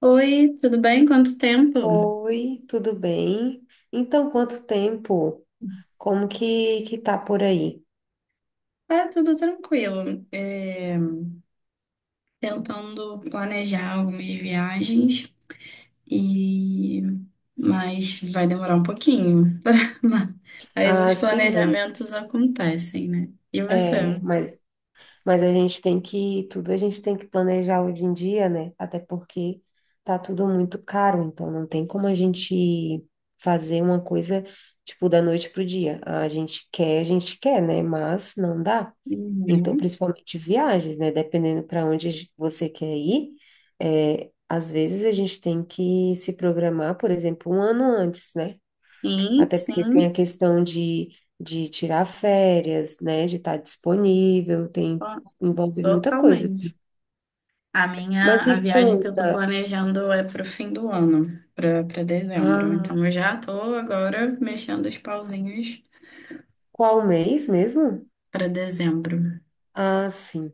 Oi, tudo bem? Quanto tempo? Oi, tudo bem? Então, quanto tempo? Como que tá por aí? Ah, tudo tranquilo. Tentando planejar algumas viagens e mas vai demorar um pouquinho. Mas os Ah, sim, né? planejamentos acontecem, né? E É, você? mas, mas a gente tem que, tudo a gente tem que planejar hoje em dia, né? Até porque tá tudo muito caro, então não tem como a gente fazer uma coisa, tipo, da noite pro dia. Ah, a gente quer, a gente quer, né? Mas não dá. Então, Uhum. principalmente viagens, né? Dependendo para onde a você quer ir, às vezes a gente tem que se programar, por exemplo, um ano antes, né? Sim, Até porque tem sim, a questão de tirar férias, né? De estar disponível, tem, to- envolve muita coisa, assim. totalmente. A Mas minha, a me viagem que eu tô conta, planejando é pro fim do ano, pra para dezembro. ah, Então eu já tô agora mexendo os pauzinhos qual mês mesmo? pra dezembro. Ah, sim.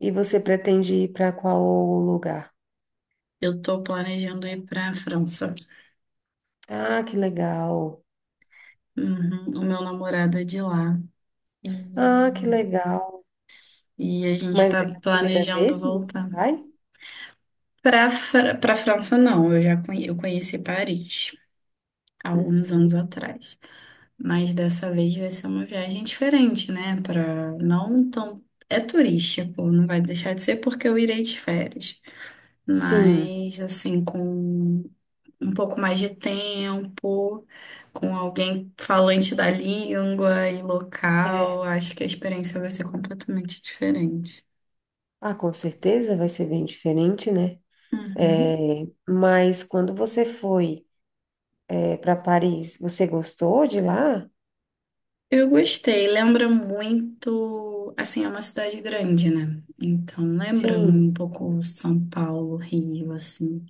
E você pretende ir para qual lugar? Eu tô planejando ir para a França. Ah, que legal. Uhum, o meu namorado é de lá. E, Ah, que legal. e a gente Mas tá é a primeira vez planejando que você voltar. vai? Para para pra França, não. Eu conheci Paris há alguns Uhum. anos atrás. Mas dessa vez vai ser uma viagem diferente, né? Para não tão. É turístico, não vai deixar de ser porque eu irei de férias. Sim, Mas, assim, com um pouco mais de tempo, com alguém falante da língua e local, acho que a experiência vai ser completamente diferente. ah, com certeza vai ser bem diferente, né? É, Uhum. mas quando você foi, para Paris, você gostou de lá? Eu gostei, lembra muito, assim, é uma cidade grande, né? Então lembra Sim. um pouco São Paulo, Rio, assim.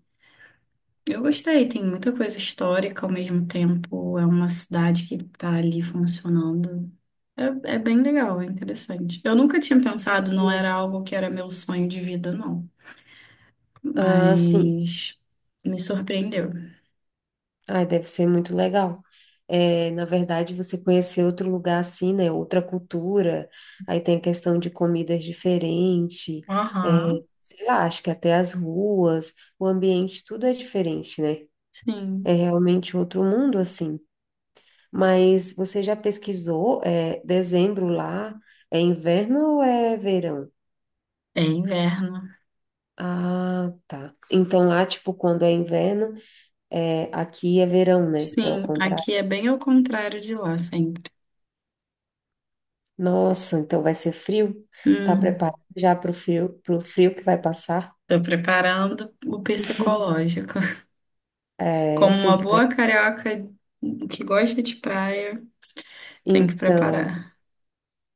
Eu gostei, tem muita coisa histórica ao mesmo tempo, é uma cidade que tá ali funcionando. É, é bem legal, é interessante. Eu nunca tinha Ah, pensado, que não era legal. algo que era meu sonho de vida, não. Ah, sim. Mas me surpreendeu. Ah, deve ser muito legal. É, na verdade, você conhecer outro lugar assim, né? Outra cultura. Aí tem a questão de comidas diferentes. É, Aham, sei lá, acho que até as ruas, o ambiente, tudo é diferente, né? É sim, realmente outro mundo assim. Mas você já pesquisou? Dezembro lá é inverno ou é verão? é inverno. Ah, tá. Então lá, tipo, quando é inverno, aqui é verão, né? É o Sim, contrário. aqui é bem ao contrário de lá sempre. Nossa, então vai ser frio? Tá Hum, preparado já para o frio, para frio que vai passar? tô preparando o psicológico. É, Como tem uma que pre... boa carioca que gosta de praia, tem que Então, preparar.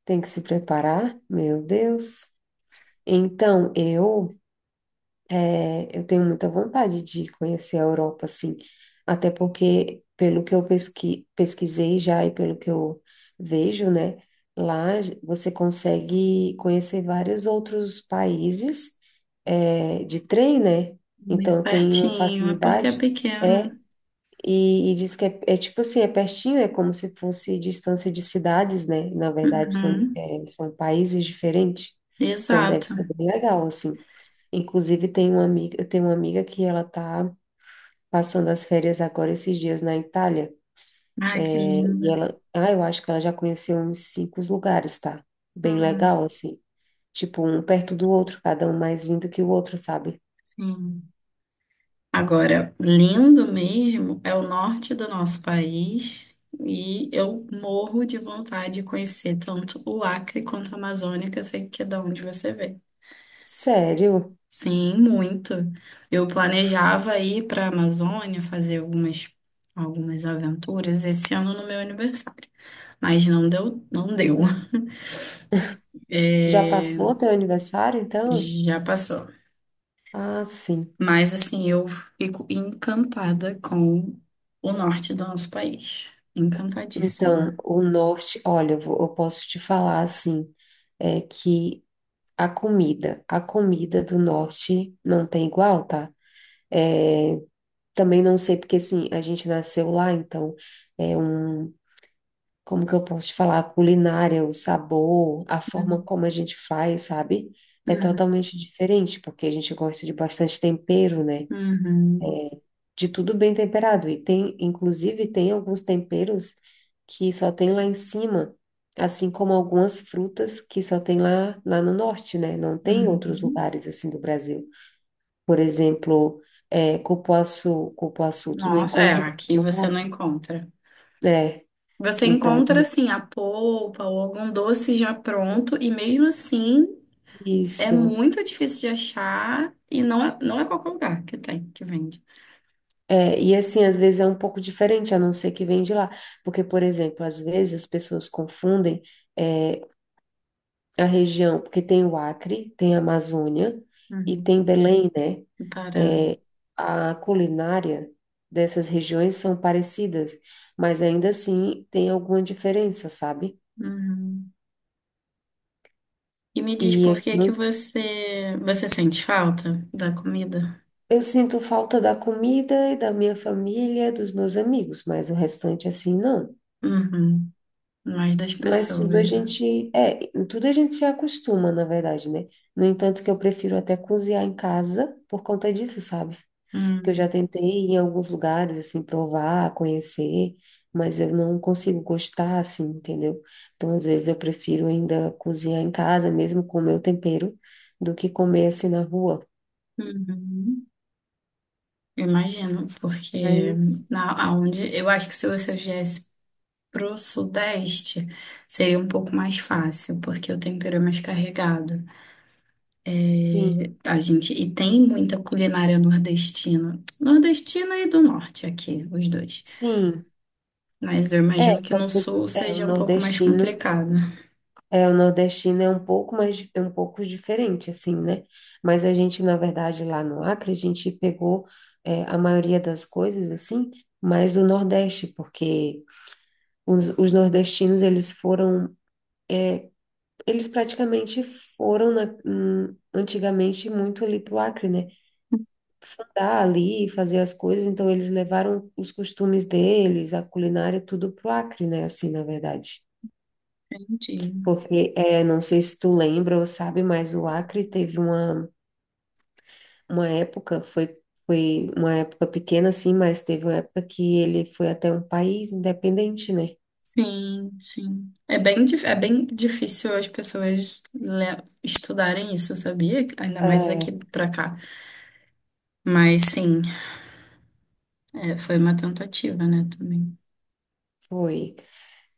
tem que se preparar? Meu Deus. Então, eu tenho muita vontade de conhecer a Europa, assim, até porque, pelo que eu pesquisei já e pelo que eu vejo, né, lá você consegue conhecer vários outros países, de trem, né? Muito Então tem uma pertinho, é porque é facilidade. é pequena. e diz que é tipo assim, é pertinho, é como se fosse distância de cidades, né? Na verdade, Uhum, são países diferentes. Então deve exato. ser bem legal, assim. Inclusive, eu tenho uma amiga que ela tá passando as férias agora esses dias na Itália. Ai, que linda. E ela, eu acho que ela já conheceu uns 5 lugares, tá? Bem Uhum. legal, assim. Tipo, um perto do outro, cada um mais lindo que o outro, sabe? Sim. Agora, lindo mesmo é o norte do nosso país e eu morro de vontade de conhecer tanto o Acre quanto a Amazônia, que eu sei que é da onde você vem. Sério? Sim, muito. Eu planejava ir para a Amazônia fazer algumas, algumas aventuras esse ano no meu aniversário, mas não deu, não deu. Hum. Já É, passou teu aniversário, então? já passou. Ah, sim. Mas assim, eu fico encantada com o norte do nosso país. Então, Encantadíssima. o norte, olha, eu posso te falar assim, é que a comida do norte não tem igual, tá? É, também não sei porque assim, a gente nasceu lá, então é um, como que eu posso te falar, a culinária, o sabor, a forma Uhum, como a gente faz, sabe? É totalmente diferente, porque a gente gosta de bastante tempero, né? uhum, De tudo bem temperado. E tem, inclusive, tem alguns temperos que só tem lá em cima, assim como algumas frutas que só tem lá, lá no norte, né? Não tem em outros uhum. lugares assim do Brasil. Por exemplo, cupuaçu, cupuaçu, tu não Nossa, é, encontra em aqui qualquer você não lugar. encontra. É, Você então, encontra assim a polpa ou algum doce já pronto, e mesmo assim é isso. muito difícil de achar e não é, não é qualquer lugar que tem, que vende. É, e assim, às vezes é um pouco diferente, a não ser que vem de lá. Porque, por exemplo, às vezes as pessoas confundem é, a região, porque tem o Acre, tem a Amazônia e Uhum. tem Belém, né? No Pará. É, a culinária dessas regiões são parecidas, mas ainda assim tem alguma diferença, sabe? Uhum. E me E diz por aqui que que eu você, você sente falta da comida? eu sinto falta da comida e da minha família, dos meus amigos, mas o restante assim não. Uhum. Mais das Mas tudo a pessoas, né? gente, tudo a gente se acostuma, na verdade, né? No entanto, que eu prefiro até cozinhar em casa por conta disso, sabe? Porque eu já Hum. tentei ir em alguns lugares, assim, provar, conhecer, mas eu não consigo gostar, assim, entendeu? Então, às vezes, eu prefiro ainda cozinhar em casa, mesmo com o meu tempero, do que comer, assim, na rua. Uhum. Imagino, porque Mas, eu acho que se você viesse pro Sudeste, seria um pouco mais fácil, porque o tempero é mais carregado. É, sim, a gente, e tem muita culinária nordestina, nordestina e do Norte aqui, os dois. sim. Mas eu imagino que Que as no Sul pessoas, seja um pouco mais complicado. O nordestino é um pouco mais, é um pouco diferente, assim, né? Mas a gente, na verdade, lá no Acre, a gente pegou, a maioria das coisas, assim, mais do Nordeste, porque... os nordestinos, eles foram, eles praticamente foram antigamente muito ali para o Acre, né? Fundar ali, fazer as coisas, então eles levaram os costumes deles, a culinária, tudo para o Acre, né? Assim, na verdade. Entendi. Porque, não sei se tu lembra ou sabe, mas o Acre teve uma época, foi uma época pequena, assim, mas teve uma época que ele foi até um país independente, né? Sim, sim. É bem, é bem difícil as pessoas estudarem isso, sabia? Ainda mais aqui É, pra cá. Mas sim, é, foi uma tentativa, né, também. foi.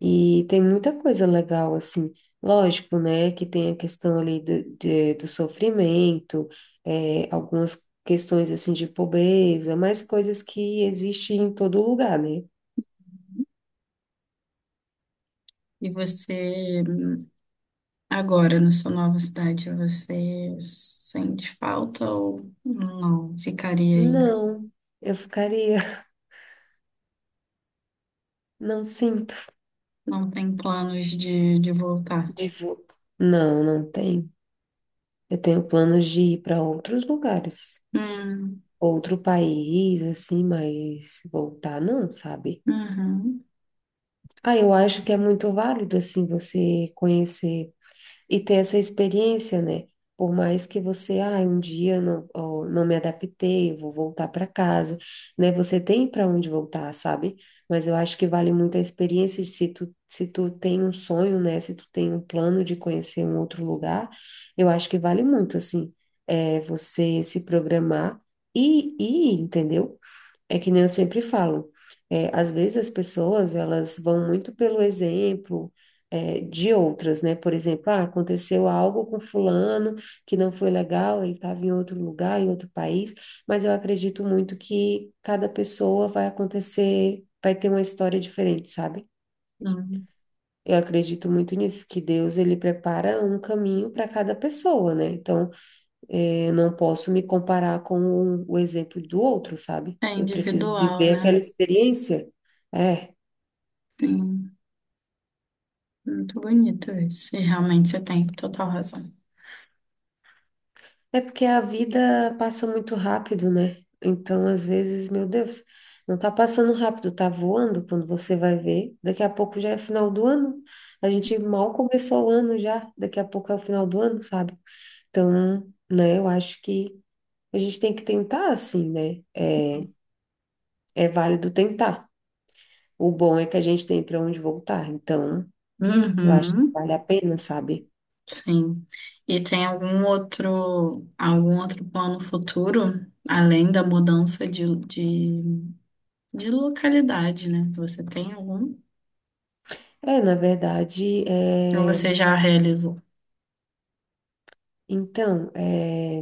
E tem muita coisa legal, assim. Lógico, né, que tem a questão ali do sofrimento, algumas questões, assim, de pobreza, mas coisas que existem em todo lugar, né? E você, agora, na sua nova cidade, você sente falta ou não? Ficaria aí? Não, eu ficaria, não sinto Não tem planos de voltar? de vo- não, não tem. Eu tenho planos de ir para outros lugares, Hum, outro país, assim, mas voltar não, sabe? uhum, Ah, eu acho que é muito válido, assim, você conhecer e ter essa experiência, né? Por mais que você, ah, um dia não, ó, não me adaptei, eu vou voltar para casa, né? Você tem para onde voltar, sabe? Mas eu acho que vale muito a experiência de se tu, se tu tem um sonho, né? Se tu tem um plano de conhecer um outro lugar, eu acho que vale muito, assim, você se programar e ir, entendeu? É que nem eu sempre falo, às vezes as pessoas, elas vão muito pelo exemplo, de outras, né? Por exemplo, ah, aconteceu algo com fulano que não foi legal, ele estava em outro lugar, em outro país, mas eu acredito muito que cada pessoa vai acontecer, vai ter uma história diferente, sabe? hum. Eu acredito muito nisso, que Deus, ele prepara um caminho para cada pessoa, né? Então, eu não posso me comparar com o exemplo do outro, sabe? É Eu preciso individual, viver aquela né? experiência. É, Sim. Muito bonito isso. E realmente você tem total razão. é porque a vida passa muito rápido, né? Então, às vezes, meu Deus, não tá passando rápido, tá voando quando você vai ver. Daqui a pouco já é final do ano. A gente mal começou o ano já, daqui a pouco é o final do ano, sabe? Então, né, eu acho que a gente tem que tentar assim, né? É válido tentar. O bom é que a gente tem para onde voltar. Então, eu acho que Uhum, vale a pena, sabe? sim. E tem algum outro plano futuro, além da mudança de, de localidade, né? Você tem algum? É, na verdade, Ou é, você já realizou? então, é,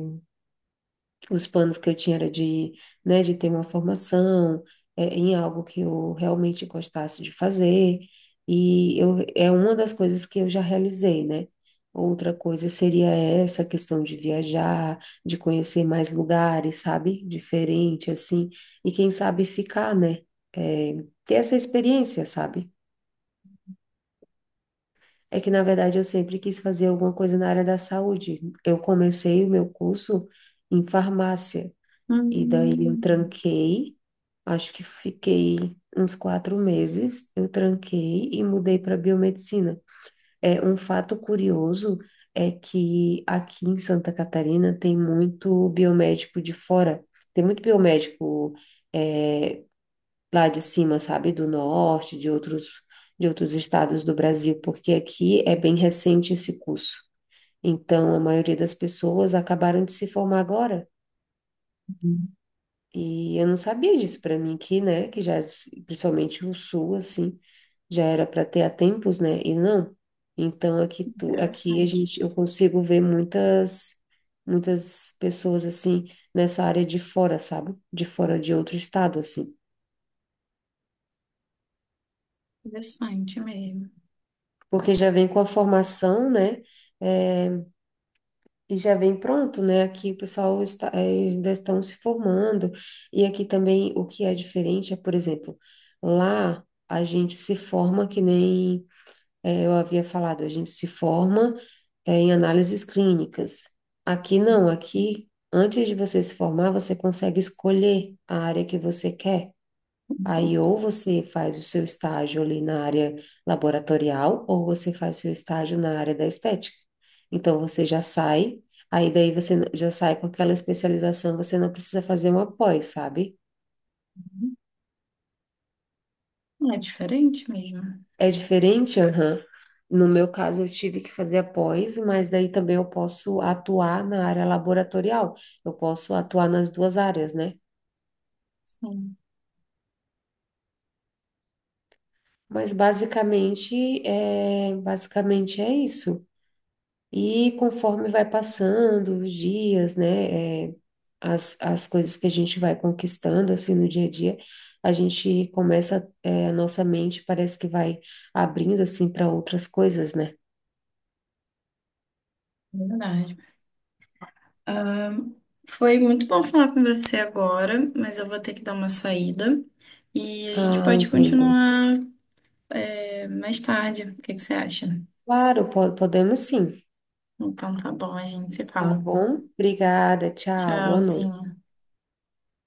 os planos que eu tinha era de, né, de ter uma formação, em algo que eu realmente gostasse de fazer, e eu, é uma das coisas que eu já realizei, né? Outra coisa seria essa questão de viajar, de conhecer mais lugares, sabe? Diferente, assim, e quem sabe ficar, né? É, ter essa experiência, sabe? É que, na verdade, eu sempre quis fazer alguma coisa na área da saúde. Eu comecei o meu curso em farmácia e daí eu Hum, tranquei, acho que fiquei uns 4 meses, eu tranquei e mudei para biomedicina. É, um fato curioso é que aqui em Santa Catarina tem muito biomédico de fora, tem muito biomédico é, lá de cima, sabe, do norte, de outros estados do Brasil, porque aqui é bem recente esse curso. Então, a maioria das pessoas acabaram de se formar agora. E eu não sabia disso para mim aqui, né? Que já, principalmente o sul, assim, já era para ter há tempos, né? E não. Então, aqui a interessante. gente, eu consigo ver muitas pessoas, assim, nessa área de fora, sabe? De fora de outro estado, assim. Interessante mesmo. Porque já vem com a formação, né? É, e já vem pronto, né? Aqui o pessoal está, ainda estão se formando, e aqui também o que é diferente é, por exemplo, lá a gente se forma que nem eu havia falado, a gente se forma em análises clínicas. Aqui não, aqui antes de você se formar, você consegue escolher a área que você quer. Aí, Entendi. ou você faz o seu estágio ali na área laboratorial, ou você faz seu estágio na área da estética. Então, você já sai, aí daí já sai com aquela especialização, você não precisa fazer uma pós, sabe? É diferente mesmo. É diferente, aham. No meu caso, eu tive que fazer a pós, mas daí também eu posso atuar na área laboratorial. Eu posso atuar nas duas áreas, né? Sim, Mas basicamente é isso. E conforme vai passando os dias, né, as coisas que a gente vai conquistando, assim, no dia a dia, a gente começa, a nossa mente parece que vai abrindo, assim, para outras coisas, né? verdade. Ahn, Foi muito bom falar com você agora, mas eu vou ter que dar uma saída e a gente Ah, pode entendo. continuar. É, mais tarde. O que que você acha? Claro, podemos sim. Então tá bom, a gente se Tá fala. bom? Obrigada, tchau, boa noite. Tchauzinho.